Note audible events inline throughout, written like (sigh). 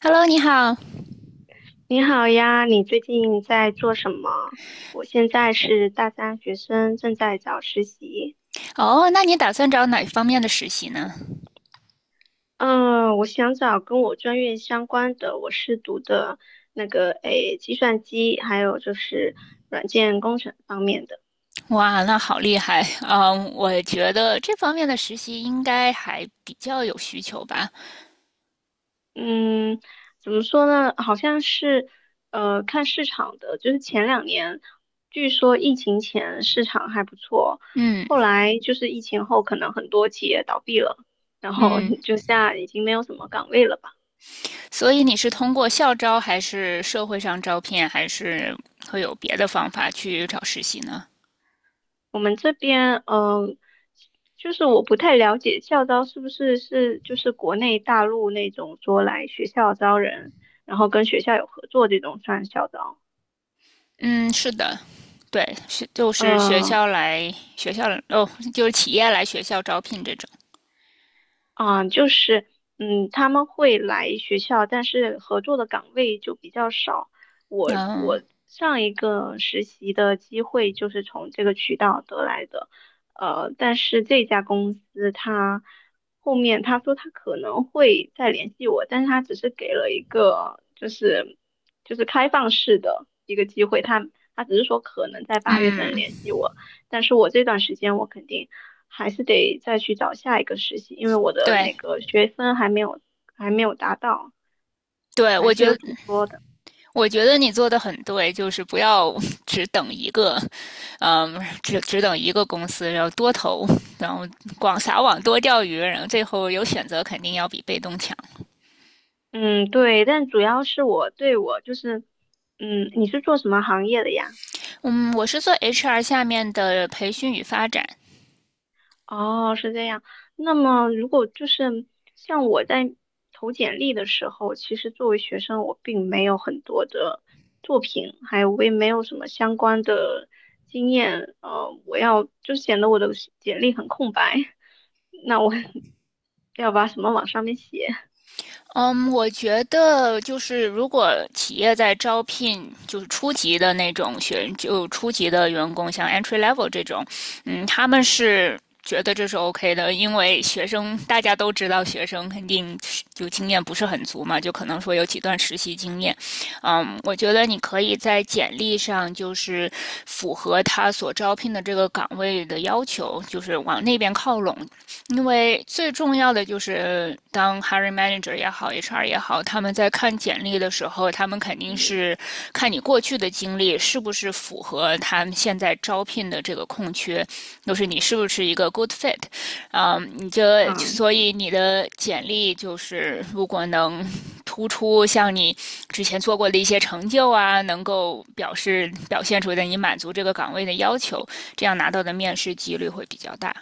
Hello，你好。你好呀，你最近在做什么？我现在是大三学生，正在找实习。哦，那你打算找哪方面的实习呢？嗯，我想找跟我专业相关的，我是读的计算机，还有就是软件工程方面的。哇，那好厉害。嗯，我觉得这方面的实习应该还比较有需求吧。嗯，怎么说呢？好像是，看市场的，就是前两年，据说疫情前市场还不错，嗯后来就是疫情后，可能很多企业倒闭了，然后 嗯，(laughs) 就现在已经没有什么岗位了吧。所以你是通过校招，还是社会上招聘，还是会有别的方法去找实习呢？我们这边，就是我不太了解校招是不是就是国内大陆那种说来学校招人，然后跟学校有合作这种算校招。嗯，是的，对，是就是学嗯。校来学校哦，就是企业来学校招聘这种。啊，就是，他们会来学校，但是合作的岗位就比较少。我嗯我上一个实习的机会就是从这个渠道得来的，但是这家公司他后面他说他可能会再联系我，但是他只是给了一个开放式的一个机会，他只是说可能在八月份嗯，联系我，但是我这段时间我肯定。还是得再去找下一个实习，因为我的对那个学分还没有达到，对，还我是觉有得挺多的。我觉得你做的很对，就是不要 (laughs) 只等一个，嗯，只等一个公司，然后多投，然后广撒网多钓鱼，然后最后有选择肯定要比被动强。嗯，对，但主要是我对我就是，嗯，你是做什么行业的呀？嗯，我是做 HR 下面的培训与发展。哦，是这样。那么，如果就是像我在投简历的时候，其实作为学生，我并没有很多的作品，还有我也没有什么相关的经验，我要就显得我的简历很空白。(laughs) 那我 (laughs) 要把什么往上面写？嗯，我觉得就是如果企业在招聘就是初级的那种初级的员工，像 entry level 这种。嗯，他们是。觉得这是 OK 的，因为学生大家都知道，学生肯定就经验不是很足嘛，就可能说有几段实习经验。嗯，我觉得你可以在简历上就是符合他所招聘的这个岗位的要求，就是往那边靠拢。因为最重要的就是，当 hiring manager 也好，HR 也好，他们在看简历的时候，他们肯定嗯，是看你过去的经历是不是符合他们现在招聘的这个空缺，就是你是不是一个 good fit。嗯，所对。以你的简历就是如果能突出像你之前做过的一些成就啊，能够表现出的你满足这个岗位的要求，这样拿到的面试几率会比较大。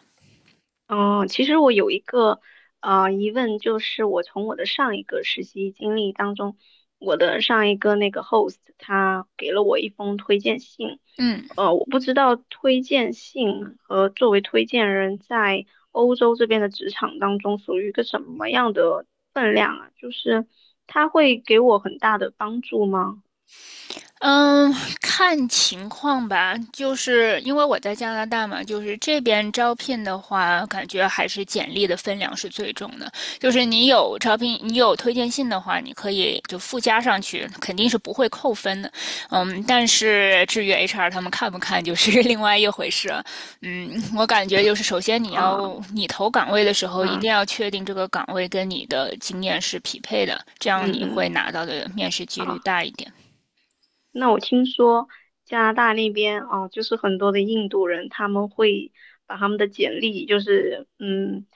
嗯，其实我有一个疑问，就是我从我的上一个实习经历当中，我的上一个那个 host 他给了我一封推荐信，嗯。我不知道推荐信和作为推荐人在欧洲这边的职场当中属于一个什么样的分量啊？就是他会给我很大的帮助吗？嗯，看情况吧，就是因为我在加拿大嘛，就是这边招聘的话，感觉还是简历的分量是最重的。就是你有招聘，你有推荐信的话，你可以就附加上去，肯定是不会扣分的。嗯，但是至于 HR 他们看不看，就是 (laughs) 另外一回事了。嗯，我感觉就是首先啊、你投岗位的时候，一定嗯要确定这个岗位跟你的经验是匹配的，这嗯样你嗯，会拿到的面试几好。率大一点。那我听说加拿大那边啊，就是很多的印度人，他们会把他们的简历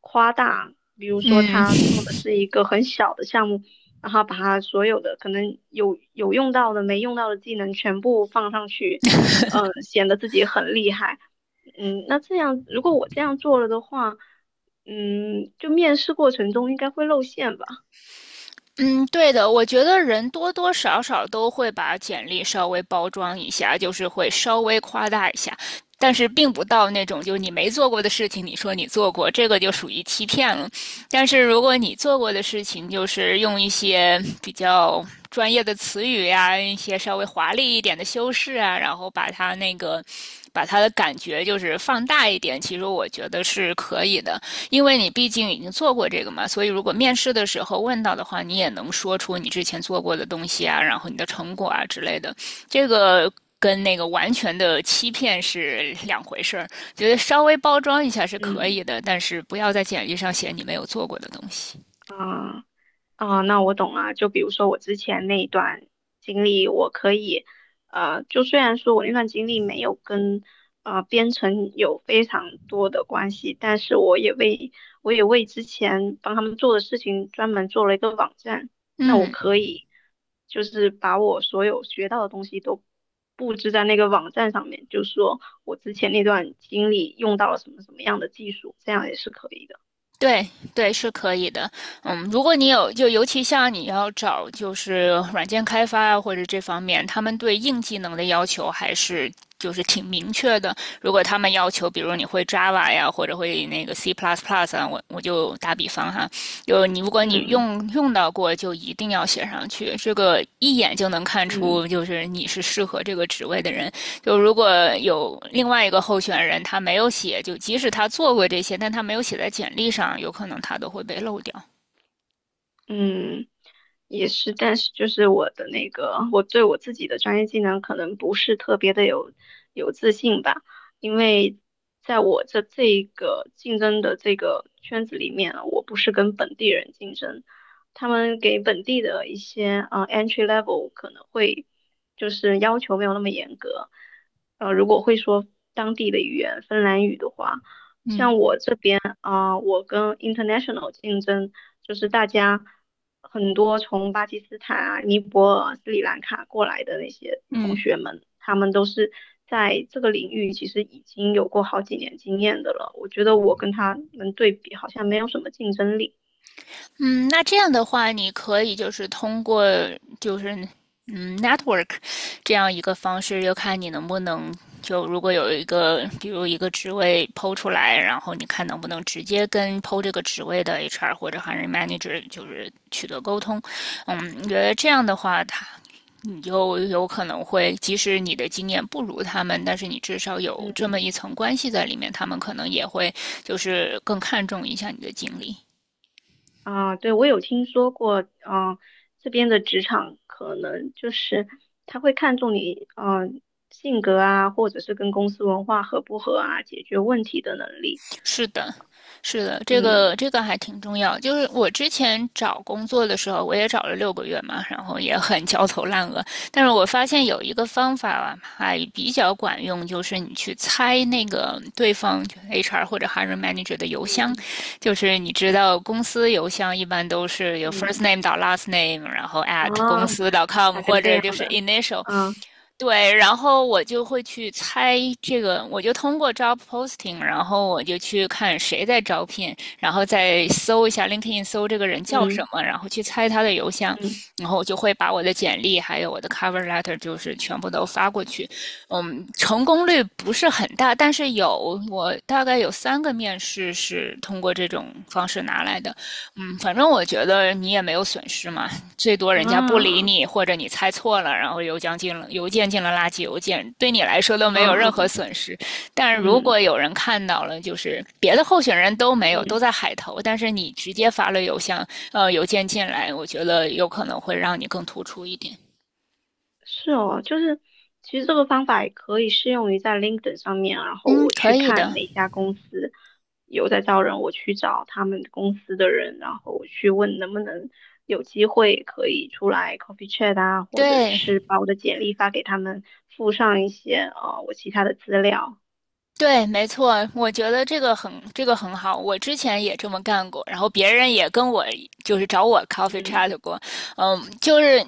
夸大，比如说嗯 他做 (laughs) 的是一个很小的项目，然后把他所有的可能有用到的、没用到的技能全部放上去，嗯、显得自己很厉害。嗯，那这样如果我这样做了的话，嗯，就面试过程中应该会露馅吧？嗯，对的，我觉得人多多少少都会把简历稍微包装一下，就是会稍微夸大一下，但是并不到那种就是你没做过的事情，你说你做过，这个就属于欺骗了。但是如果你做过的事情，就是用一些比较专业的词语呀、一些稍微华丽一点的修饰啊，把它的感觉就是放大一点，其实我觉得是可以的。因为你毕竟已经做过这个嘛，所以如果面试的时候问到的话，你也能说出你之前做过的东西啊，然后你的成果啊之类的。这个跟那个完全的欺骗是两回事儿，觉得稍微包装一下是可嗯。以的，但是不要在简历上写你没有做过的东西。啊啊，那我懂了。就比如说我之前那一段经历，我可以，就虽然说我那段经历没有跟编程有非常多的关系，但是我也为之前帮他们做的事情专门做了一个网站。那我嗯，可以就是把我所有学到的东西都布置在那个网站上面，就说我之前那段经历用到了什么什么样的技术，这样也是可以的。对对，是可以的。嗯，如果你有，就尤其像你要找就是软件开发啊，或者这方面，他们对硬技能的要求还是就是挺明确的。如果他们要求，比如你会 Java 呀，或者会那个 C++ 啊，我就打比方哈，就你如果嗯你嗯。用到过，就一定要写上去。这个一眼就能看嗯出，就是你是适合这个职位的人。就如果有另外一个候选人他没有写，就即使他做过这些，但他没有写在简历上，有可能他都会被漏掉。嗯，也是，但是就是我的那个，我对我自己的专业技能可能不是特别的有自信吧，因为在我这一个竞争的这个圈子里面啊，我不是跟本地人竞争，他们给本地的一些entry level 可能会就是要求没有那么严格，呃，如果会说当地的语言芬兰语的话。嗯我跟 international 竞争，就是大家很多从巴基斯坦啊、尼泊尔、斯里兰卡过来的那些同嗯，学们，他们都是在这个领域其实已经有过好几年经验的了。我觉得我跟他们对比，好像没有什么竞争力。嗯，那这样的话，你可以就是通过就是network 这样一个方式，就看你能不能就如果有一个比如一个职位抛出来，然后你看能不能直接跟抛这个职位的 HR 或者 h i manager 就是取得沟通。嗯，你觉得这样的话，你就有可能会，即使你的经验不如他们，但是你至少有嗯这么一层关系在里面，他们可能也会就是更看重一下你的经历。啊，对，我有听说过，嗯、这边的职场可能就是他会看重你，嗯、性格啊，或者是跟公司文化合不合啊，解决问题的能力。是的，是的，这嗯，个这个还挺重要。就是我之前找工作的时候，我也找了6个月嘛，然后也很焦头烂额。但是我发现有一个方法啊还比较管用，就是你去猜那个对方 HR 或者 hiring manager 的邮箱，嗯就是你知道公司邮箱一般都是有 first 嗯 name 到 last name，然后 at 公啊，司 .com 还是或这者样就是 的 initial。啊，对，然后我就会去猜这个，我就通过 job posting，然后我就去看谁在招聘，然后再搜一下 LinkedIn，搜这个人叫嗯什么，然后去猜他的邮箱，嗯然后我就会把我的简历还有我的 cover letter 就是全部都发过去。嗯，成功率不是很大，但是有我大概有3个面试是通过这种方式拿来的。嗯，反正我觉得你也没有损失嘛，最多人家不理啊你，或者你猜错了，然后邮件进了垃圾邮件，对你来说都没啊有任何啊损失。但如嗯果有人看到了，就是别的候选人都没有，都嗯，在海投，但是你直接发了邮件进来，我觉得有可能会让你更突出一点。是哦，就是其实这个方法也可以适用于在 LinkedIn 上面，然后嗯，我可去以看的。哪家公司有在招人，我去找他们公司的人，然后我去问能不能有机会可以出来 coffee chat 啊，或者对是把我的简历发给他们，附上一些我其他的资料，对，没错，我觉得这个很好，我之前也这么干过，然后别人也跟我就是找我 coffee 嗯 chat 过。嗯，就是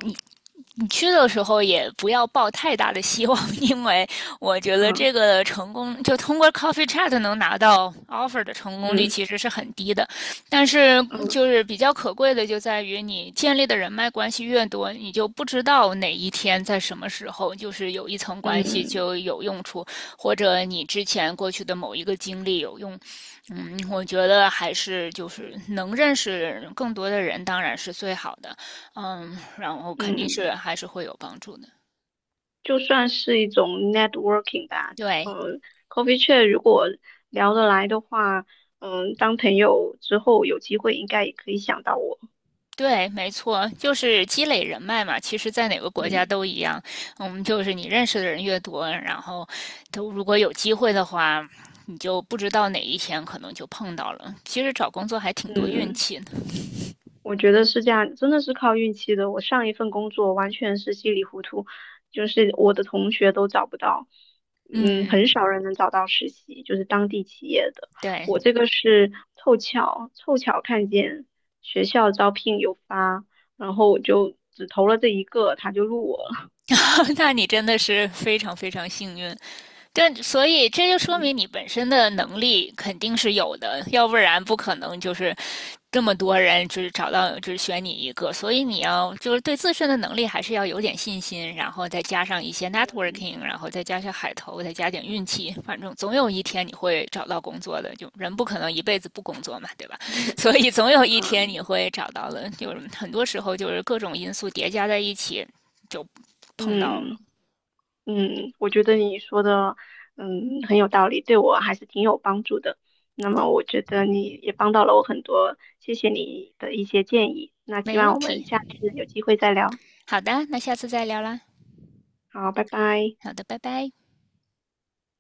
你去的时候也不要抱太大的希望，(laughs) 因为我觉得嗯这个成功就通过 Coffee Chat 能拿到 offer 的成功率嗯其实是很低的。但是嗯。就是比较可贵的就在于你建立的人脉关系越多，你就不知道哪一天在什么时候就是有一层关系嗯就有用处，或者你之前过去的某一个经历有用。嗯，我觉得还是就是能认识更多的人，当然是最好的。嗯，然后肯定嗯，是还是会有帮助的。就算是一种 networking 吧。对，呃，coffee chat 如果聊得来的话，嗯，当朋友之后有机会应该也可以想到我。对，没错，就是积累人脉嘛。其实，在哪个国家嗯都一样。嗯，就是你认识的人越多，然后都如果有机会的话，你就不知道哪一天可能就碰到了。其实找工作还挺多运嗯。气的。我觉得是这样，真的是靠运气的。我上一份工作完全是稀里糊涂，就是我的同学都找不到，嗯，嗯，很少人能找到实习，就是当地企业的。我对，这个是凑巧，凑巧看见学校招聘有发，然后我就只投了这一个，他就录我了。(laughs) 那你真的是非常非常幸运。对，所以这就说嗯明你本身的能力肯定是有的，要不然不可能就是这么多人就是找到只选你一个。所以你要就是对自身的能力还是要有点信心，然后再加上一些 networking，然后再加上海投，再加点运气，反正总有一天你会找到工作的。就人不可能一辈子不工作嘛，对吧？(laughs) 所以总有一天嗯。你会找到的。就是很多时候就是各种因素叠加在一起，就碰到嗯。了。嗯，我觉得你说的，嗯，很有道理，对我还是挺有帮助的。那么我觉得你也帮到了我很多，谢谢你的一些建议。那希没问望我们题，下次有机会再聊。好的，那下次再聊啦。好，拜拜。好的，拜拜。